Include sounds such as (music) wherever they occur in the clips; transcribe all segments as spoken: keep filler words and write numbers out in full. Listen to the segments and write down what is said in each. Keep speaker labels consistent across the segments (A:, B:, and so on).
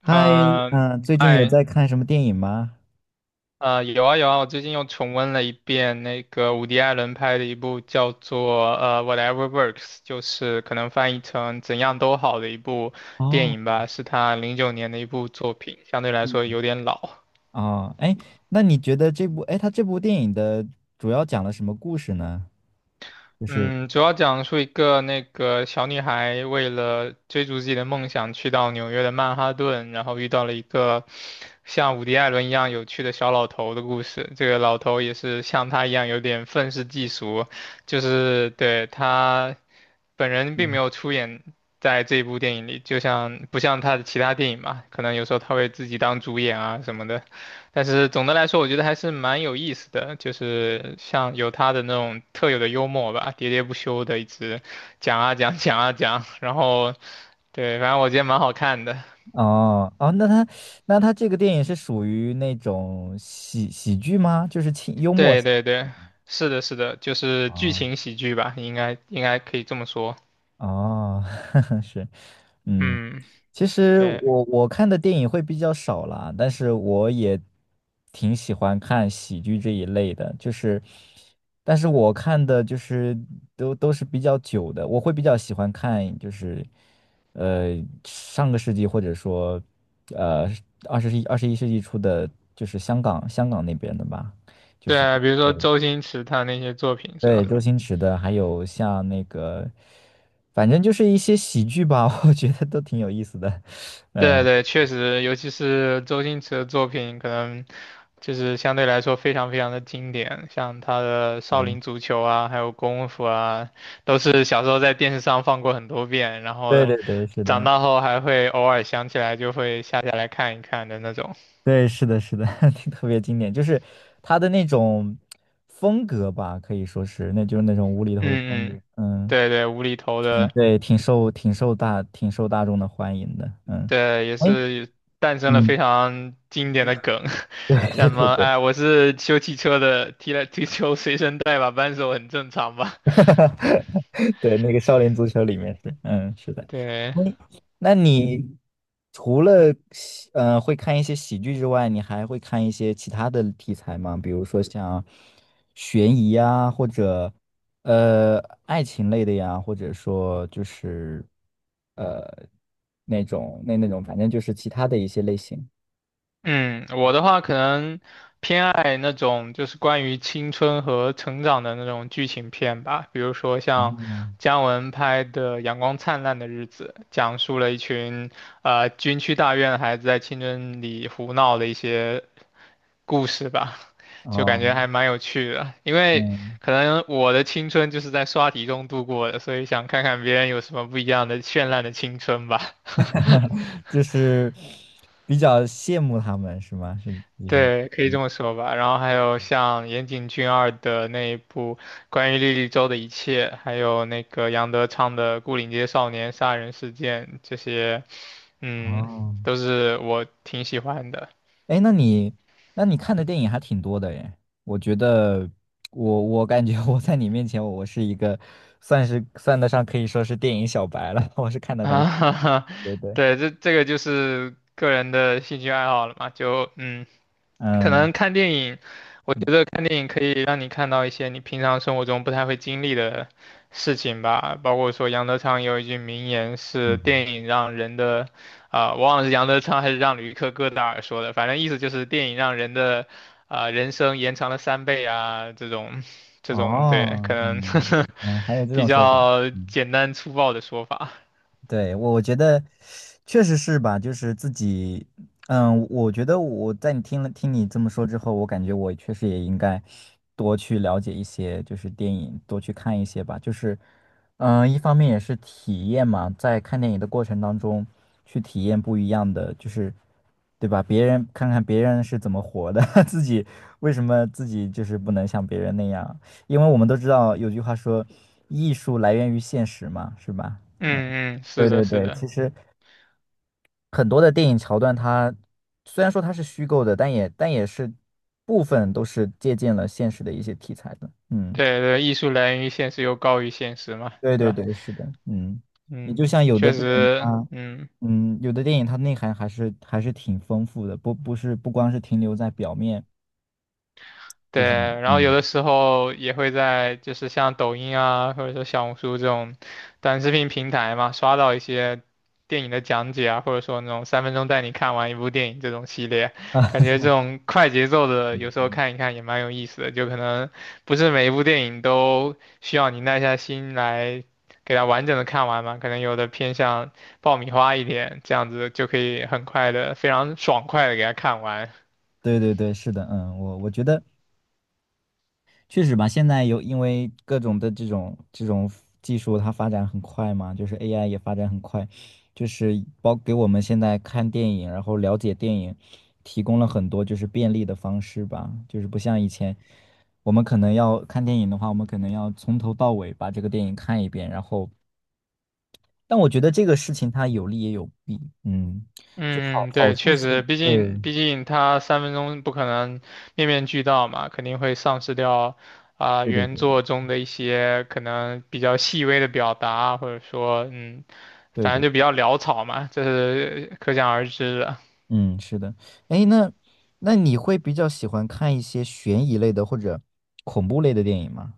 A: 嗨，
B: 呃，
A: 嗯，最近有
B: 哎，
A: 在看什么电影吗？
B: 呃，有啊有啊，我最近又重温了一遍那个伍迪·艾伦拍的一部叫做呃《Whatever Works》，就是可能翻译成"怎样都好"的一部电
A: 哦，
B: 影吧，是他零九年的一部作品，相对来
A: 嗯，
B: 说有点老。
A: 哦，哎，那你觉得这部，哎，它这部电影的主要讲了什么故事呢？就是，
B: 嗯，主要讲述一个那个小女孩为了追逐自己的梦想，去到纽约的曼哈顿，然后遇到了一个像伍迪·艾伦一样有趣的小老头的故事。这个老头也是像他一样有点愤世嫉俗，就是对他本人并没
A: 嗯
B: 有出演在这一部电影里，就像不像他的其他电影嘛，可能有时候他会自己当主演啊什么的。但是总的来说，我觉得还是蛮有意思的，就是像有他的那种特有的幽默吧，喋喋不休的一直讲啊讲讲啊讲，然后对，反正我觉得蛮好看的。
A: 哦，哦，那它，那它这个电影是属于那种喜喜剧吗？就是轻幽默。
B: 对对对，是的，是的，就是剧
A: 哦，
B: 情喜剧吧，应该应该可以这么说。
A: 哦，(laughs) 是，嗯。
B: 嗯，
A: 其实
B: 对
A: 我我看的电影会比较少啦，但是我也挺喜欢看喜剧这一类的，就是，但是我看的就是都都是比较久的，我会比较喜欢看就是，呃，上个世纪或者说，呃，二十一二十一世纪初的，就是香港香港那边的吧，就
B: 对
A: 是
B: 啊，比如说周星驰他那些作品是
A: 对
B: 吧？
A: 周星驰的，还有像那个，反正就是一些喜剧吧，(laughs) 我觉得都挺有意思的，
B: 对
A: 嗯。
B: 对，确实，尤其是周星驰的作品，可能就是相对来说非常非常的经典，像他的《少林
A: 对
B: 足球》啊，还有《功夫》啊，都是小时候在电视上放过很多遍，然
A: 对嗯
B: 后
A: 对对，是
B: 长
A: 的，
B: 大后还会偶尔想起来就会下下来看一看的那种。
A: 对，是的，是的，(laughs) 特别经典，就是他的那种风格吧，可以说是，那就是那种无厘头的风
B: 嗯嗯，
A: 格，嗯，
B: 对对，无厘头
A: 挺
B: 的，
A: 对，挺受挺受大挺受大众的欢迎的，嗯，
B: 对，也
A: 哎，
B: 是诞生了
A: 嗯，
B: 非常经典的梗，(laughs)
A: (laughs) 对
B: 像
A: 对
B: 什
A: 对
B: 么
A: 对，
B: 哎，我是修汽车的，踢了踢球随身带把扳手很正常吧。
A: (laughs) 哈哈，对，那个少林足球里面是，嗯，是的。
B: 对，
A: 嗯那你除了喜呃会看一些喜剧之外，你还会看一些其他的题材吗？比如说像悬疑啊，或者呃爱情类的呀，或者说就是呃那种那那种，反正就是其他的一些类型。
B: 嗯，我的话可能偏爱那种就是关于青春和成长的那种剧情片吧，比如说像
A: 哦，
B: 姜文拍的《阳光灿烂的日子》，讲述了一群呃军区大院的孩子在青春里胡闹的一些故事吧，(laughs) 就感
A: 哦，
B: 觉还蛮有趣的。因为
A: 嗯。
B: 可能我的青春就是在刷题中度过的，所以想看看别人有什么不一样的绚烂的青春吧。
A: (laughs) 就是比较羡慕他们是吗？是就是，
B: 对，可以
A: 嗯
B: 这么说吧。然后还有像岩井俊二的那一部关于莉莉周的一切，还有那个杨德昌的《牯岭街少年杀人事件》，这些，嗯，
A: 哦，
B: 都是我挺喜欢的。
A: 哎，那你那你看的电影还挺多的耶。我觉得我我感觉我在你面前我，我是一个算是算得上可以说是电影小白了，(laughs) 我是看
B: (laughs)
A: 的很
B: 啊，
A: 少。
B: 哈哈，
A: 对对，
B: 对，这这个就是个人的兴趣爱好了嘛，就嗯，可
A: 嗯
B: 能看电影，我觉
A: 嗯
B: 得看电影可以让你看到一些你平常生活中不太会经历的事情吧，包括说杨德昌有一句名言是
A: 嗯，
B: 电影让人的，啊、我忘了是杨德昌还是让吕克·戈达尔说的，反正意思就是电影让人的，啊、人生延长了三倍啊，这种，这种，对，可
A: 哦，
B: 能
A: 嗯嗯，还有
B: (laughs)
A: 这
B: 比
A: 种说法。
B: 较
A: 嗯
B: 简单粗暴的说法。
A: 对，我我觉得确实是吧，就是自己，嗯，我觉得我在你听了听你这么说之后，我感觉我确实也应该多去了解一些，就是电影，多去看一些吧。就是，嗯，一方面也是体验嘛，在看电影的过程当中，去体验不一样的，就是，对吧？别人看看别人是怎么活的，(laughs) 自己为什么自己就是不能像别人那样？因为我们都知道有句话说，艺术来源于现实嘛，是吧？
B: 嗯嗯，是
A: 对
B: 的，
A: 对
B: 是
A: 对，
B: 的，
A: 其实很多的电影桥段它，虽然说它是虚构的，但也但也是部分都是借鉴了现实的一些题材的。嗯，
B: 对对，艺术来源于现实又高于现实嘛，
A: 对
B: 对
A: 对
B: 吧？
A: 对，是的，嗯，你就
B: 嗯，
A: 像有的
B: 确
A: 电影
B: 实，
A: 它，
B: 嗯。
A: 嗯，有的电影它内涵还是还是挺丰富的，不不是不光是停留在表面，
B: 对，
A: 就像
B: 然后有的
A: 嗯
B: 时候也会在就是像抖音啊，或者说小红书这种短视频平台嘛，刷到一些电影的讲解啊，或者说那种三分钟带你看完一部电影这种系列，感觉这种快节奏的有时候
A: (laughs)
B: 看一看也蛮有意思的，就可能不是每一部电影都需要你耐下心来给它完整的看完嘛，可能有的偏向爆米花一点，这样子就可以很快的、非常爽快的给它看完。
A: 对对对，是的，嗯，我我觉得。确实吧，现在有因为各种的这种这种技术，它发展很快嘛，就是 A I 也发展很快，就是包给我们现在看电影，然后了解电影，提供了很多就是便利的方式吧，就是不像以前，我们可能要看电影的话，我们可能要从头到尾把这个电影看一遍，然后，但我觉得这个事情它有利也有弊，嗯，就好
B: 嗯，
A: 好
B: 对，
A: 处
B: 确
A: 是，
B: 实，毕
A: 对，
B: 竟毕竟他三分钟不可能面面俱到嘛，肯定会丧失掉啊、
A: 对对
B: 原
A: 对对
B: 作中的一些可能比较细微的表达，或者说嗯，
A: 对
B: 反正
A: 对。
B: 就比较潦草嘛，这是可想而知的。
A: 嗯，是的。哎，那那你会比较喜欢看一些悬疑类的或者恐怖类的电影吗？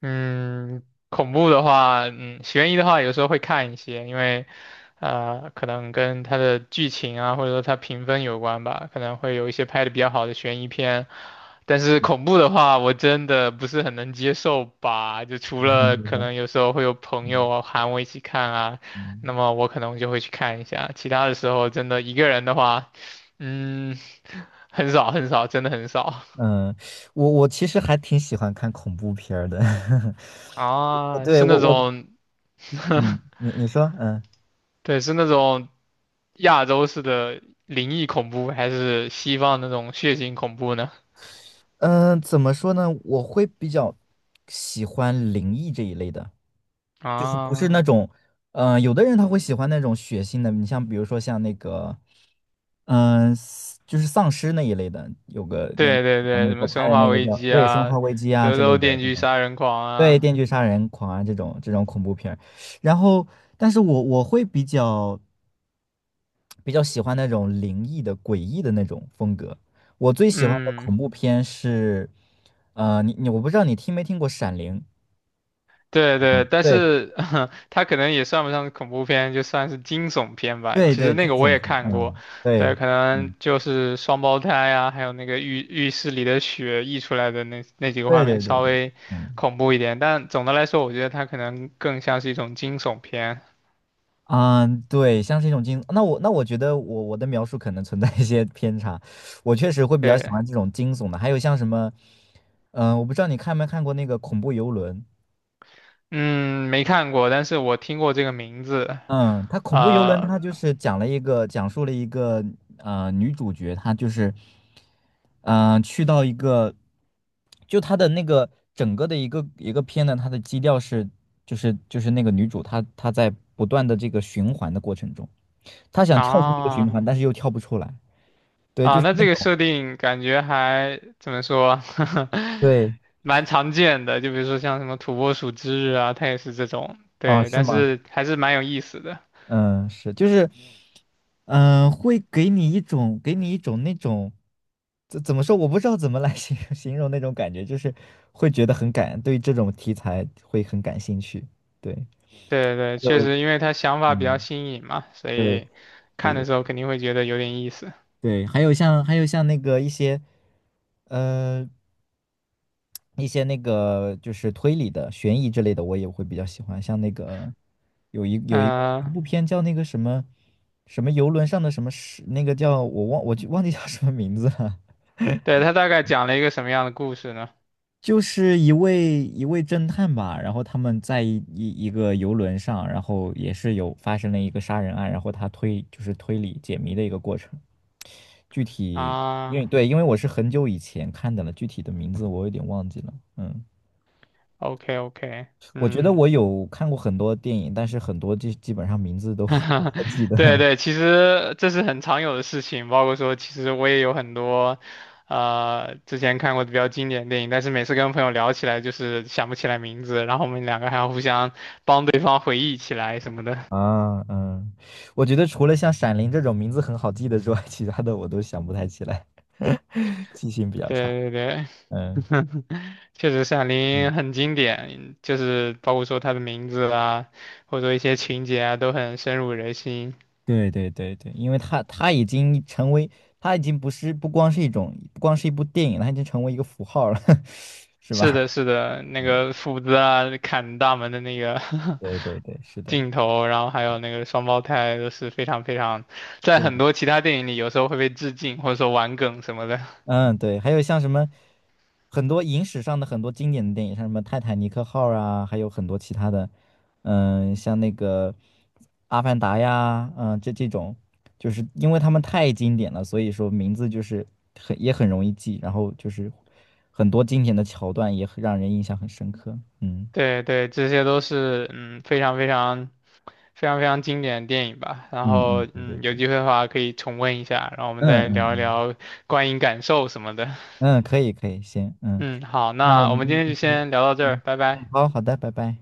B: 嗯，恐怖的话，嗯，悬疑的话，有时候会看一些，因为，呃，可能跟它的剧情啊，或者说它评分有关吧，可能会有一些拍的比较好的悬疑片。但是恐怖的话，我真的不是很能接受吧，就除
A: 嗯，
B: 了
A: 比如
B: 可
A: 说
B: 能有时候会有朋友
A: 嗯
B: 啊喊我一起看啊，
A: 嗯
B: 那么我可能就会去看一下，其他的时候真的一个人的话，嗯，很少很少，真的很少
A: 嗯我我其实还挺喜欢看恐怖片儿的。(laughs)
B: (laughs) 啊，
A: 对，
B: 是
A: 我
B: 那
A: 我
B: 种。
A: 嗯，你你说嗯
B: (laughs) 对，是那种亚洲式的灵异恐怖，还是西方那种血腥恐怖呢？
A: 嗯，呃怎么说呢？我会比较喜欢灵异这一类的。
B: 啊，
A: 嗯、呃有的人他会喜欢那种血腥的，你像比如说像那个，嗯、丧就是丧尸那一类的，有个那个
B: 对对
A: 呃
B: 对，
A: 美
B: 什么
A: 国拍
B: 《生
A: 的
B: 化
A: 那个
B: 危
A: 叫
B: 机》
A: 对《生
B: 啊，
A: 化危机》啊
B: 《德
A: 之类
B: 州
A: 的
B: 电
A: 这
B: 锯
A: 种，
B: 杀人狂》
A: 对
B: 啊，
A: 《电锯杀人狂》啊这种这种恐怖片儿然后，但是我我会比较比较喜欢那种灵异的、诡异的那种风格。我最喜欢的
B: 嗯，
A: 恐怖片是，呃，你你我不知道你听没听过《闪灵》？
B: 对
A: 嗯，
B: 对，但
A: 对
B: 是 (laughs) 它可能也算不上是恐怖片，就算是惊悚片吧。
A: 对
B: 其实
A: 对，
B: 那
A: 惊
B: 个我
A: 悚
B: 也
A: 片，
B: 看过，
A: 嗯，对。
B: 对，可能
A: 嗯。
B: 就是双胞胎啊，还有那个浴浴室里的血溢出来的那那几个
A: 对
B: 画面
A: 对对
B: 稍
A: 对，
B: 微
A: 嗯
B: 恐怖一点，但总的来说，我觉得它可能更像是一种惊悚片。
A: 嗯，对，像是一种惊，那我那我觉得我我的描述可能存在一些偏差，我确实会比较喜
B: 对，
A: 欢这种惊悚的，还有像什么，嗯、我不知道你看没看过那个恐怖游轮，
B: 嗯，没看过，但是我听过这个名字。
A: 嗯，它恐怖游轮
B: 呃，
A: 它就是讲了一个讲述了一个呃女主角她就是嗯、呃去到一个，就她的那个整个的一个一个片呢，它的基调是就是就是那个女主她她在不断的这个循环的过程中。他想跳出这个循
B: 啊
A: 环，但是又跳不出来。对，
B: 啊，
A: 就是
B: 那
A: 那
B: 这个
A: 种，
B: 设定感觉还怎么说，(laughs)
A: 对，
B: 蛮常见的。就比如说像什么土拨鼠之日啊，它也是这种。
A: 哦，
B: 对，
A: 是
B: 但
A: 吗？
B: 是还是蛮有意思的。
A: 嗯，是，就是，嗯、会给你一种，给你一种那种，怎怎么说？我不知道怎么来 (laughs) 形容形容那种感觉，就是会觉得很感，对这种题材会很感兴趣。对，
B: 对对，
A: 还
B: 确
A: 有，
B: 实，因为它想法比较
A: 嗯，
B: 新颖嘛，所
A: 对，
B: 以
A: 对
B: 看的
A: 对
B: 时候肯定会觉得有点意思。
A: 对，还有像还有像那个一些，呃。一些那个就是推理的、悬疑之类的，我也会比较喜欢。像那个有一有一个一
B: 嗯、
A: 部片叫那个什么什么游轮上的什么事，那个叫我忘我就忘记叫什么名字了，
B: 对，它大概讲了一个什么样的故事呢？
A: 就是一位一位侦探吧，然后他们在一一个游轮上，然后也是有发生了一个杀人案，然后他推就是推理解谜的一个过程。具体因
B: 啊
A: 为对，因为我是很久以前看的了，具体的名字我有点忘记了。嗯。
B: ，OK OK，
A: 我觉得
B: 嗯。
A: 我有看过很多电影，但是很多基基本上名字都 (laughs) 不太记
B: (laughs)
A: 得
B: 对对，其实这是很常有的事情，包括说，其实我也有很多，呃，之前看过的比较经典的电影，但是每次跟朋友聊起来，就是想不起来名字，然后我们两个还要互相帮对方回忆起来什么的。
A: (laughs) 啊。嗯，我觉得除了像《闪灵》这种名字很好记的之外，(laughs) 其他的我都想不太起来，(laughs) 记性比较差。
B: 对对对，
A: 嗯
B: (laughs) 确实《闪灵》
A: 嗯，
B: 很经典，就是包括说它的名字啦，或者说一些情节啊，都很深入人心。
A: 对对对对，因为它它已经成为，它已经不是不光是一种，不光是一部电影了，它已经成为一个符号了，(laughs) 是吧？
B: 是的，是的，那
A: 嗯，
B: 个斧子啊，砍大门的那个 (laughs)
A: 对对对，是的。
B: 镜头，然后还有那个双胞胎都是非常非常，在
A: 对
B: 很多其他电影里有时候会被致敬或者说玩梗什么的。(laughs)
A: 嗯，对，还有像什么很多影史上的很多经典的电影，像什么《泰坦尼克号》啊，还有很多其他的，嗯，像那个《阿凡达》呀，嗯，这这种，就是因为他们太经典了，所以说名字就是很也很容易记，然后就是很多经典的桥段也很让人印象很深刻。嗯
B: 对对，这些都是嗯非常非常非常非常经典的电影吧。然
A: 嗯
B: 后
A: 嗯，对对
B: 嗯有
A: 对，
B: 机会的话可以重温一下，然后我们
A: 嗯嗯
B: 再聊一
A: 嗯
B: 聊观影感受什么的。(laughs)
A: 嗯，可以可以，行，嗯，
B: 嗯，好，
A: 那我
B: 那我
A: 们
B: 们
A: 今
B: 今
A: 天
B: 天就
A: 就
B: 先聊到这儿，
A: 嗯
B: 拜
A: 嗯，
B: 拜。
A: 好好的，拜拜。